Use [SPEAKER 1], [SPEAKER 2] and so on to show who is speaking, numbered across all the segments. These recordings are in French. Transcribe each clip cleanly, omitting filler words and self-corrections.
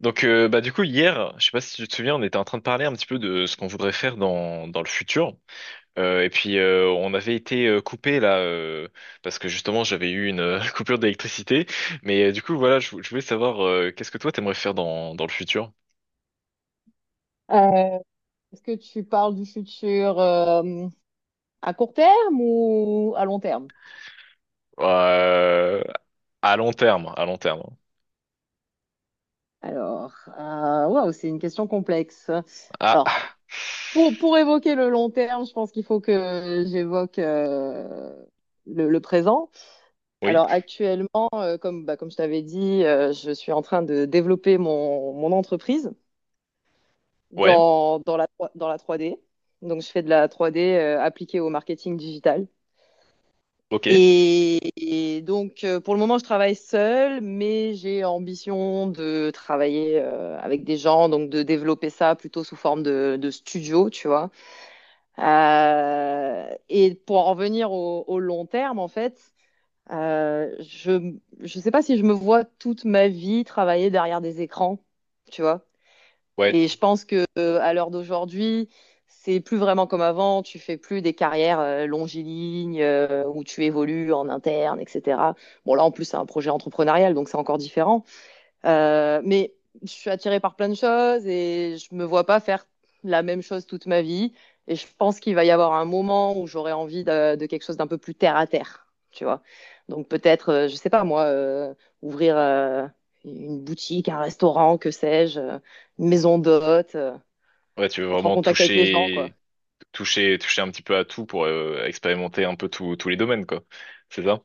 [SPEAKER 1] Du coup hier, je sais pas si tu te souviens, on était en train de parler un petit peu de ce qu'on voudrait faire dans le futur. Et puis On avait été coupé là parce que justement j'avais eu une coupure d'électricité. Du coup voilà, je voulais savoir qu'est-ce que toi t'aimerais faire dans le futur?
[SPEAKER 2] Euh, est-ce que tu parles du futur à court terme ou à long terme?
[SPEAKER 1] Euh, à long terme, à long terme.
[SPEAKER 2] Alors, waouh, c'est une question complexe. Alors,
[SPEAKER 1] Ah
[SPEAKER 2] pour évoquer le long terme, je pense qu'il faut que j'évoque le présent.
[SPEAKER 1] oui,
[SPEAKER 2] Alors, actuellement, comme je t'avais dit, je suis en train de développer mon entreprise
[SPEAKER 1] ouais,
[SPEAKER 2] dans, dans la, dans la 3D. Donc, je fais de la 3D appliquée au marketing digital.
[SPEAKER 1] ok,
[SPEAKER 2] Et donc, pour le moment, je travaille seule, mais j'ai ambition de travailler avec des gens, donc de développer ça plutôt sous forme de studio, tu vois. Et pour en revenir au long terme, en fait, euh, je je sais pas si je me vois toute ma vie travailler derrière des écrans, tu vois.
[SPEAKER 1] ouais,
[SPEAKER 2] Et je pense que à l'heure d'aujourd'hui, c'est plus vraiment comme avant. Tu fais plus des carrières longilignes où tu évolues en interne, etc. Bon, là, en plus, c'est un projet entrepreneurial, donc c'est encore différent. Mais je suis attirée par plein de choses et je me vois pas faire la même chose toute ma vie. Et je pense qu'il va y avoir un moment où j'aurai envie de quelque chose d'un peu plus terre à terre, tu vois. Donc peut-être, je sais pas moi, ouvrir une boutique, un restaurant, que sais-je, une maison d'hôte,
[SPEAKER 1] ouais, tu veux
[SPEAKER 2] être en
[SPEAKER 1] vraiment
[SPEAKER 2] contact avec les gens, quoi.
[SPEAKER 1] toucher toucher un petit peu à tout pour expérimenter un peu tous les domaines quoi. C'est ça?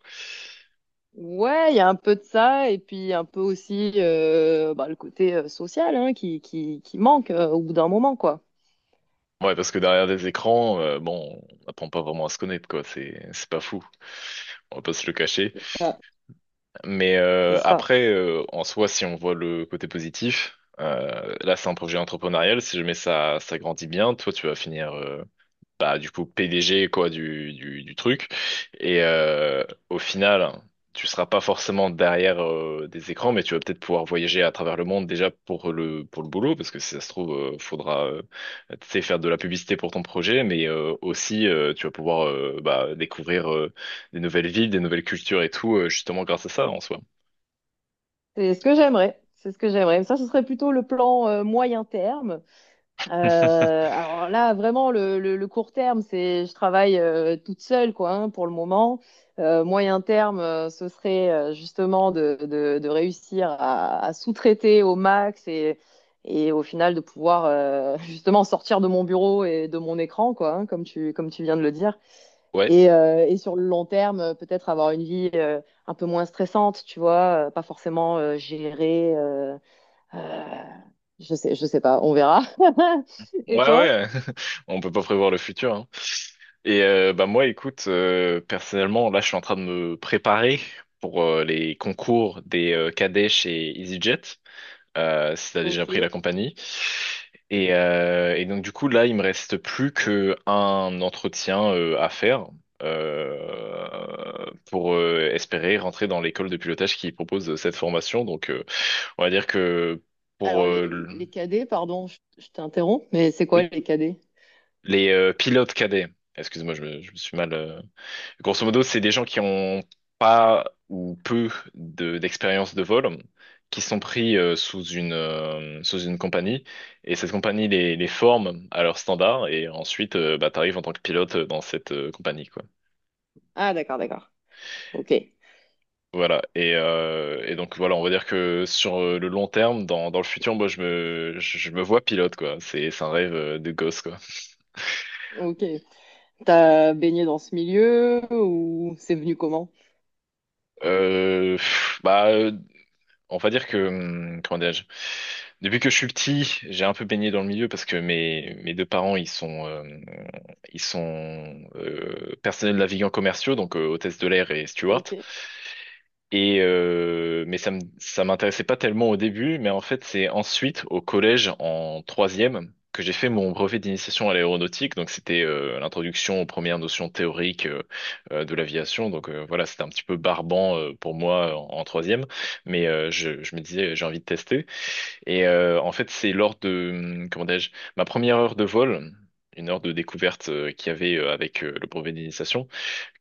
[SPEAKER 2] Ouais, il y a un peu de ça et puis un peu aussi le côté social, hein, qui manque au bout d'un moment, quoi.
[SPEAKER 1] Ouais, parce que derrière des écrans, bon, on n'apprend pas vraiment à se connaître, quoi. C'est pas fou. On va pas se le cacher.
[SPEAKER 2] Ah, c'est ça.
[SPEAKER 1] En soi, si on voit le côté positif, là, c'est un projet entrepreneurial. Si jamais ça grandit bien, toi, tu vas finir bah, du coup PDG quoi du truc. Et euh, Au final, tu seras pas forcément derrière des écrans, mais tu vas peut-être pouvoir voyager à travers le monde déjà pour le boulot, parce que si ça se trouve, faudra tu sais faire de la publicité pour ton projet, mais aussi tu vas pouvoir bah, découvrir des nouvelles villes, des nouvelles cultures et tout, justement grâce à ça en soi.
[SPEAKER 2] C'est ce que j'aimerais. C'est ce que j'aimerais. Ça, ce serait plutôt le plan moyen terme. Euh, alors là, vraiment, le court terme, c'est je travaille toute seule, quoi, hein, pour le moment. Moyen terme, ce serait justement de réussir à sous-traiter au max et au final de pouvoir justement sortir de mon bureau et de mon écran, quoi, hein, comme tu viens de le dire.
[SPEAKER 1] Ouais.
[SPEAKER 2] Et sur le long terme, peut-être avoir une vie un peu moins stressante, tu vois, pas forcément gérer. Euh, je sais pas, on verra.
[SPEAKER 1] Ouais,
[SPEAKER 2] Et toi?
[SPEAKER 1] ouais, on peut pas prévoir le futur, hein. Bah moi, écoute, personnellement, là, je suis en train de me préparer pour les concours des cadets et EasyJet, si t'as déjà
[SPEAKER 2] Ok.
[SPEAKER 1] pris la compagnie. Et donc du coup, là, il me reste plus que un entretien à faire euh, pour espérer rentrer dans l'école de pilotage qui propose cette formation. Donc, on va dire que pour
[SPEAKER 2] Alors les, les cadets, pardon, je t'interromps, mais c'est quoi
[SPEAKER 1] oui.
[SPEAKER 2] les cadets?
[SPEAKER 1] Les pilotes cadets, excuse-moi, je me suis mal. Grosso modo, c'est des gens qui ont pas ou peu d'expérience de vol, qui sont pris sous sous une compagnie, et cette compagnie les forme à leurs standards, et ensuite, bah, t'arrives en tant que pilote dans cette compagnie, quoi.
[SPEAKER 2] Ah, d'accord, d'accord. Ok.
[SPEAKER 1] Voilà, et donc voilà, on va dire que sur le long terme, dans le futur, moi je me vois pilote, quoi. C'est un rêve de gosse, quoi.
[SPEAKER 2] Ok. T'as baigné dans ce milieu ou c'est venu comment?
[SPEAKER 1] Pff, bah. On va dire que, comment dirais-je, depuis que je suis petit, j'ai un peu baigné dans le milieu parce que mes deux parents, ils sont personnels navigants commerciaux, donc hôtesse de l'air et steward.
[SPEAKER 2] Ok.
[SPEAKER 1] Mais ça m'intéressait pas tellement au début, mais en fait c'est ensuite au collège en troisième que j'ai fait mon brevet d'initiation à l'aéronautique. Donc c'était l'introduction aux premières notions théoriques de l'aviation. Donc voilà, c'était un petit peu barbant pour moi en troisième, mais je me disais j'ai envie de tester. En fait c'est lors de comment dirais-je ma première heure de vol. Une heure de découverte qu'il y avait avec le brevet d'initiation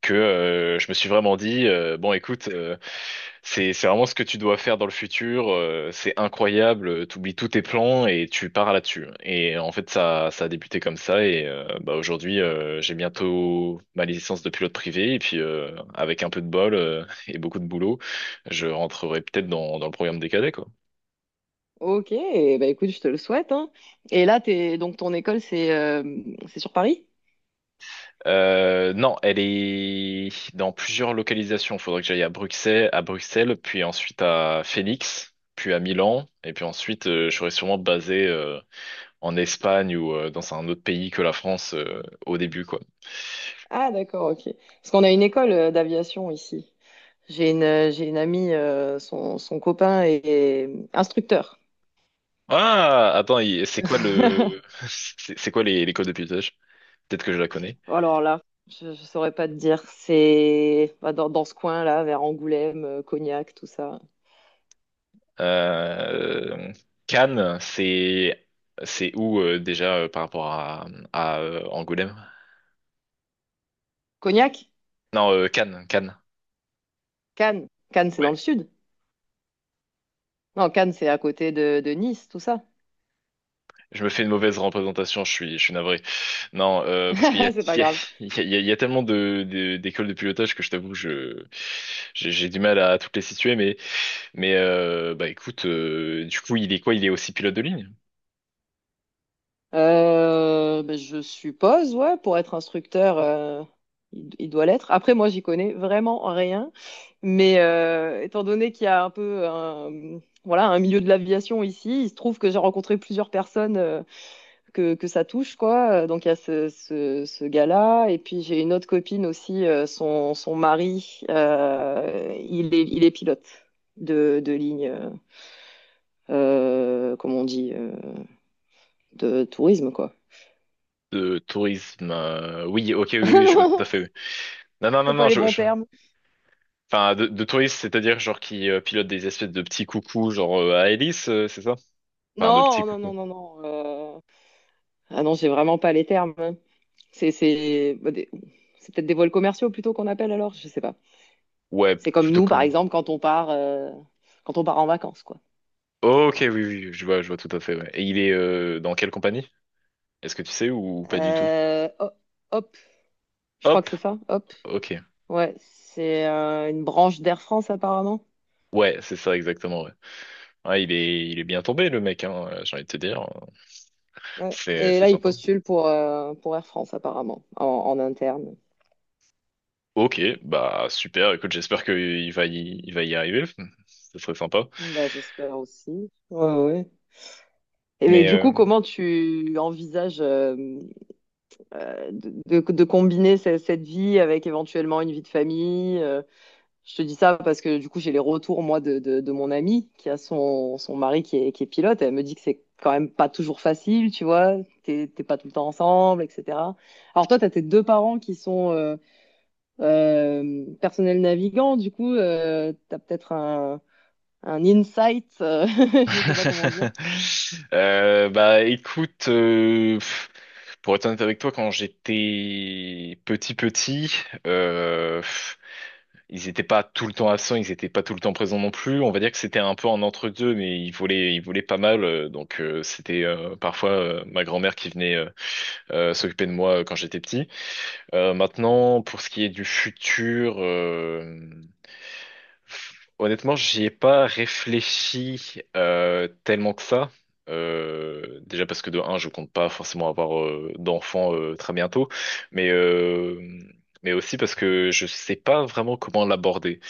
[SPEAKER 1] que je me suis vraiment dit, bon, écoute, c'est vraiment ce que tu dois faire dans le futur. C'est incroyable. T'oublies tous tes plans et tu pars là-dessus. Et en fait, ça a débuté comme ça. Bah aujourd'hui, j'ai bientôt ma licence de pilote privé. Et puis avec un peu de bol et beaucoup de boulot, je rentrerai peut-être dans le programme des cadets, quoi.
[SPEAKER 2] Ok. Eh ben, écoute, je te le souhaite, hein. Et là, t'es, donc ton école, c'est sur Paris?
[SPEAKER 1] Non, elle est dans plusieurs localisations. Il faudrait que j'aille à Bruxelles, puis ensuite à Phoenix, puis à Milan, et puis ensuite je serais sûrement basé en Espagne ou dans un autre pays que la France au début, quoi.
[SPEAKER 2] Ah, d'accord, ok. Parce qu'on a une école d'aviation ici. J'ai une amie, son copain est instructeur.
[SPEAKER 1] Ah, attends, c'est quoi le, c'est quoi les codes de pilotage? Peut-être que je la connais.
[SPEAKER 2] Oh, alors là, je saurais pas te dire. Dans ce coin-là, vers Angoulême, Cognac, tout ça.
[SPEAKER 1] Euh, Cannes, c'est où déjà par rapport à Angoulême?
[SPEAKER 2] Cognac?
[SPEAKER 1] Non, Cannes, Cannes.
[SPEAKER 2] Cannes. Cannes, c'est dans le sud. Non, Cannes, c'est à côté de Nice, tout ça.
[SPEAKER 1] Je me fais une mauvaise représentation, je suis navré. Non, parce qu'il y a,
[SPEAKER 2] C'est pas grave.
[SPEAKER 1] il y a tellement d'écoles de pilotage que je t'avoue, j'ai du mal à toutes les situer, mais, bah écoute, du coup, il est quoi? Il est aussi pilote de ligne?
[SPEAKER 2] Je suppose, ouais, pour être instructeur, il doit l'être. Après, moi, j'y connais vraiment rien. Mais étant donné qu'il y a un peu un, voilà, un milieu de l'aviation ici, il se trouve que j'ai rencontré plusieurs personnes que ça touche, quoi. Donc il y a ce gars-là, et puis j'ai une autre copine aussi, son mari, il est pilote de ligne, comment on dit, de tourisme, quoi.
[SPEAKER 1] De tourisme? Oui, ok, oui, oui, je vois tout à
[SPEAKER 2] Non,
[SPEAKER 1] fait. Oui. Non, non, non,
[SPEAKER 2] c'est
[SPEAKER 1] non,
[SPEAKER 2] pas les
[SPEAKER 1] je,
[SPEAKER 2] bons
[SPEAKER 1] je-
[SPEAKER 2] termes.
[SPEAKER 1] enfin, de tourisme, c'est-à-dire genre qui pilote des espèces de petits coucous, genre à hélice, c'est ça? Enfin, de
[SPEAKER 2] Non,
[SPEAKER 1] petits
[SPEAKER 2] non,
[SPEAKER 1] coucous.
[SPEAKER 2] non, non, non. Ah non, j'ai vraiment pas les termes, hein. C'est c'est- bah, des- c'est peut-être des vols commerciaux plutôt qu'on appelle alors, je sais pas.
[SPEAKER 1] Ouais,
[SPEAKER 2] C'est comme
[SPEAKER 1] plutôt
[SPEAKER 2] nous, par
[SPEAKER 1] comme.
[SPEAKER 2] exemple, quand on part en vacances, quoi.
[SPEAKER 1] Ok, oui, oui, oui, je vois tout à fait. Ouais. Et il est dans quelle compagnie? Est-ce que tu sais ou pas du tout?
[SPEAKER 2] Euh, ho- hop, je crois
[SPEAKER 1] Hop,
[SPEAKER 2] que c'est ça, Hop.
[SPEAKER 1] ok.
[SPEAKER 2] Ouais, c'est une branche d'Air France apparemment.
[SPEAKER 1] Ouais, c'est ça exactement. Ouais. Ouais, il est bien tombé le mec, hein, j'ai envie de te dire.
[SPEAKER 2] Ouais. Et
[SPEAKER 1] C'est
[SPEAKER 2] là, il
[SPEAKER 1] sympa.
[SPEAKER 2] postule pour Air France apparemment, en interne.
[SPEAKER 1] Ok, bah super. Écoute, j'espère qu'il va y arriver. Ce serait sympa.
[SPEAKER 2] Bah, j'espère aussi. Ouais, ouais. Et mais
[SPEAKER 1] Mais
[SPEAKER 2] du coup,
[SPEAKER 1] euh...
[SPEAKER 2] comment tu envisages de combiner cette vie avec éventuellement une vie de famille? Je te dis ça parce que du coup, j'ai les retours, moi, de mon amie qui a son mari qui est pilote. Elle me dit que c'est quand même pas toujours facile, tu vois. T'es pas tout le temps ensemble, etc. Alors toi, t'as tes deux parents qui sont personnels navigants. Du coup, t'as peut-être un insight, je sais pas comment dire.
[SPEAKER 1] Bah écoute, pour être honnête avec toi, quand j'étais petit petit, euh, ils n'étaient pas tout le temps absents, ils n'étaient pas tout le temps présents non plus. On va dire que c'était un peu un entre-deux, mais ils volaient pas mal. Donc c'était parfois ma grand-mère qui venait s'occuper de moi quand j'étais petit. Maintenant, pour ce qui est du futur, honnêtement, j'y ai pas réfléchi tellement que ça. Déjà parce que de un, je compte pas forcément avoir d'enfants très bientôt, mais euh, mais aussi parce que je sais pas vraiment comment l'aborder.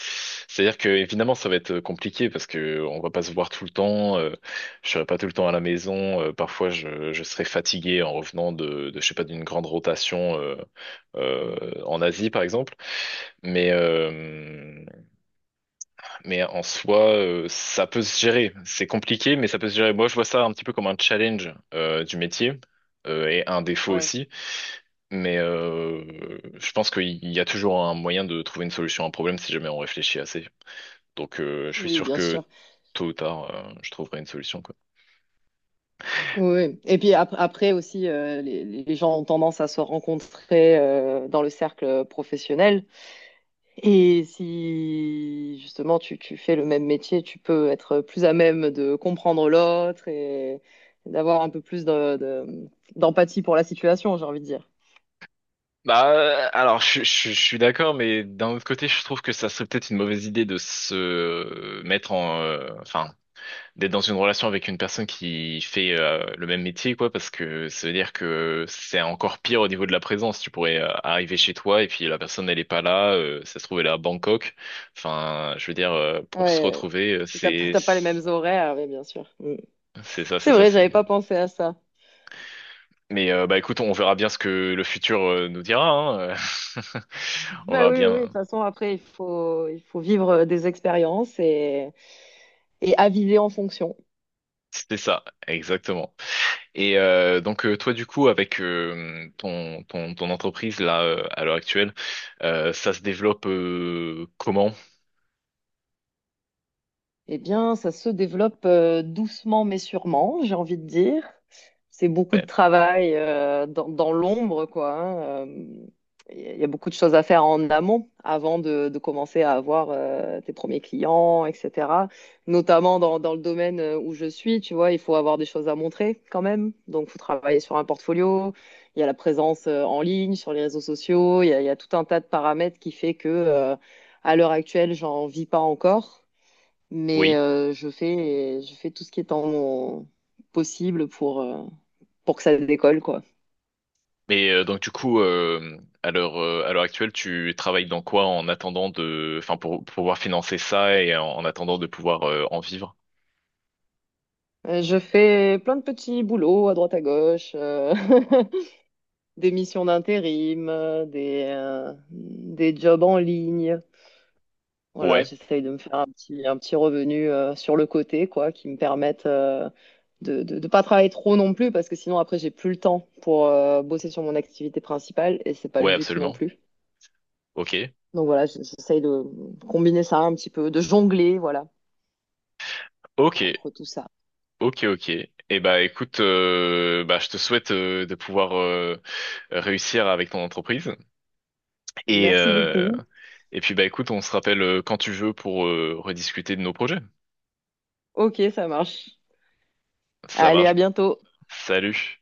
[SPEAKER 1] C'est-à-dire que évidemment, ça va être compliqué parce que on va pas se voir tout le temps. Je serai pas tout le temps à la maison. Parfois, je serai fatigué en revenant de je sais pas d'une grande rotation en Asie, par exemple. Mais euh, mais en soi, ça peut se gérer. C'est compliqué, mais ça peut se gérer. Moi, je vois ça un petit peu comme un challenge du métier et un défaut
[SPEAKER 2] Ouais.
[SPEAKER 1] aussi. Mais euh, je pense qu'il y a toujours un moyen de trouver une solution à un problème si jamais on réfléchit assez. Donc, je suis
[SPEAKER 2] Oui,
[SPEAKER 1] sûr
[SPEAKER 2] bien
[SPEAKER 1] que
[SPEAKER 2] sûr.
[SPEAKER 1] tôt ou tard, je trouverai une solution, quoi.
[SPEAKER 2] Oui. Oui. Et puis après aussi, les gens ont tendance à se rencontrer dans le cercle professionnel. Et si justement tu fais le même métier, tu peux être plus à même de comprendre l'autre et d'avoir un peu plus d'empathie pour la situation, j'ai envie de dire.
[SPEAKER 1] Bah, alors, je suis d'accord, mais d'un autre côté, je trouve que ça serait peut-être une mauvaise idée de se mettre enfin, d'être dans une relation avec une personne qui fait le même métier, quoi, parce que ça veut dire que c'est encore pire au niveau de la présence. Tu pourrais arriver chez toi et puis la personne, elle est pas là, ça se trouve, elle est à Bangkok. Enfin, je veux dire, pour se
[SPEAKER 2] Ouais,
[SPEAKER 1] retrouver, c'est...
[SPEAKER 2] t'as pas les mêmes horaires, mais bien sûr. Mm. C'est vrai, j'avais
[SPEAKER 1] C'est...
[SPEAKER 2] pas pensé à ça.
[SPEAKER 1] Bah écoute, on verra bien ce que le futur nous dira, hein. On
[SPEAKER 2] Bah
[SPEAKER 1] verra
[SPEAKER 2] oui, oui, oui,
[SPEAKER 1] bien.
[SPEAKER 2] de toute façon, après, il faut vivre des expériences et aviser en fonction.
[SPEAKER 1] C'était ça, exactement. Toi du coup avec ton entreprise là à l'heure actuelle, ça se développe comment?
[SPEAKER 2] Eh bien, ça se développe doucement mais sûrement, j'ai envie de dire. C'est beaucoup de
[SPEAKER 1] Ouais,
[SPEAKER 2] travail dans l'ombre, quoi, hein. Il y a beaucoup de choses à faire en amont avant de commencer à avoir tes premiers clients, etc. Notamment dans le domaine où je suis, tu vois, il faut avoir des choses à montrer quand même. Donc, il faut travailler sur un portfolio. Il y a la présence en ligne, sur les réseaux sociaux. Il y a tout un tas de paramètres qui fait que, à l'heure actuelle, j'en vis pas encore. Mais
[SPEAKER 1] oui.
[SPEAKER 2] je fais tout ce qui est en mon possible pour que ça décolle, quoi.
[SPEAKER 1] Donc du coup à l'heure actuelle, tu travailles dans quoi en attendant de, enfin pour pouvoir financer ça et en attendant de pouvoir en vivre?
[SPEAKER 2] Je fais plein de petits boulots à droite à gauche, des missions d'intérim, des jobs en ligne. Voilà,
[SPEAKER 1] Ouais,
[SPEAKER 2] j'essaye de me faire un petit revenu sur le côté, quoi, qui me permette de ne pas travailler trop non plus, parce que sinon après, j'ai plus le temps pour bosser sur mon activité principale, et c'est pas le
[SPEAKER 1] ouais
[SPEAKER 2] but non
[SPEAKER 1] absolument.
[SPEAKER 2] plus.
[SPEAKER 1] Ok,
[SPEAKER 2] Donc voilà, j'essaye de combiner ça un petit peu, de jongler, voilà,
[SPEAKER 1] ok,
[SPEAKER 2] entre tout ça.
[SPEAKER 1] ok. Et bah écoute, bah je te souhaite de pouvoir réussir avec ton entreprise. Et,
[SPEAKER 2] Merci
[SPEAKER 1] euh,
[SPEAKER 2] beaucoup.
[SPEAKER 1] et puis bah écoute, on se rappelle quand tu veux pour rediscuter de nos projets.
[SPEAKER 2] Ok, ça marche.
[SPEAKER 1] Ça
[SPEAKER 2] Allez,
[SPEAKER 1] marche.
[SPEAKER 2] à bientôt.
[SPEAKER 1] Salut.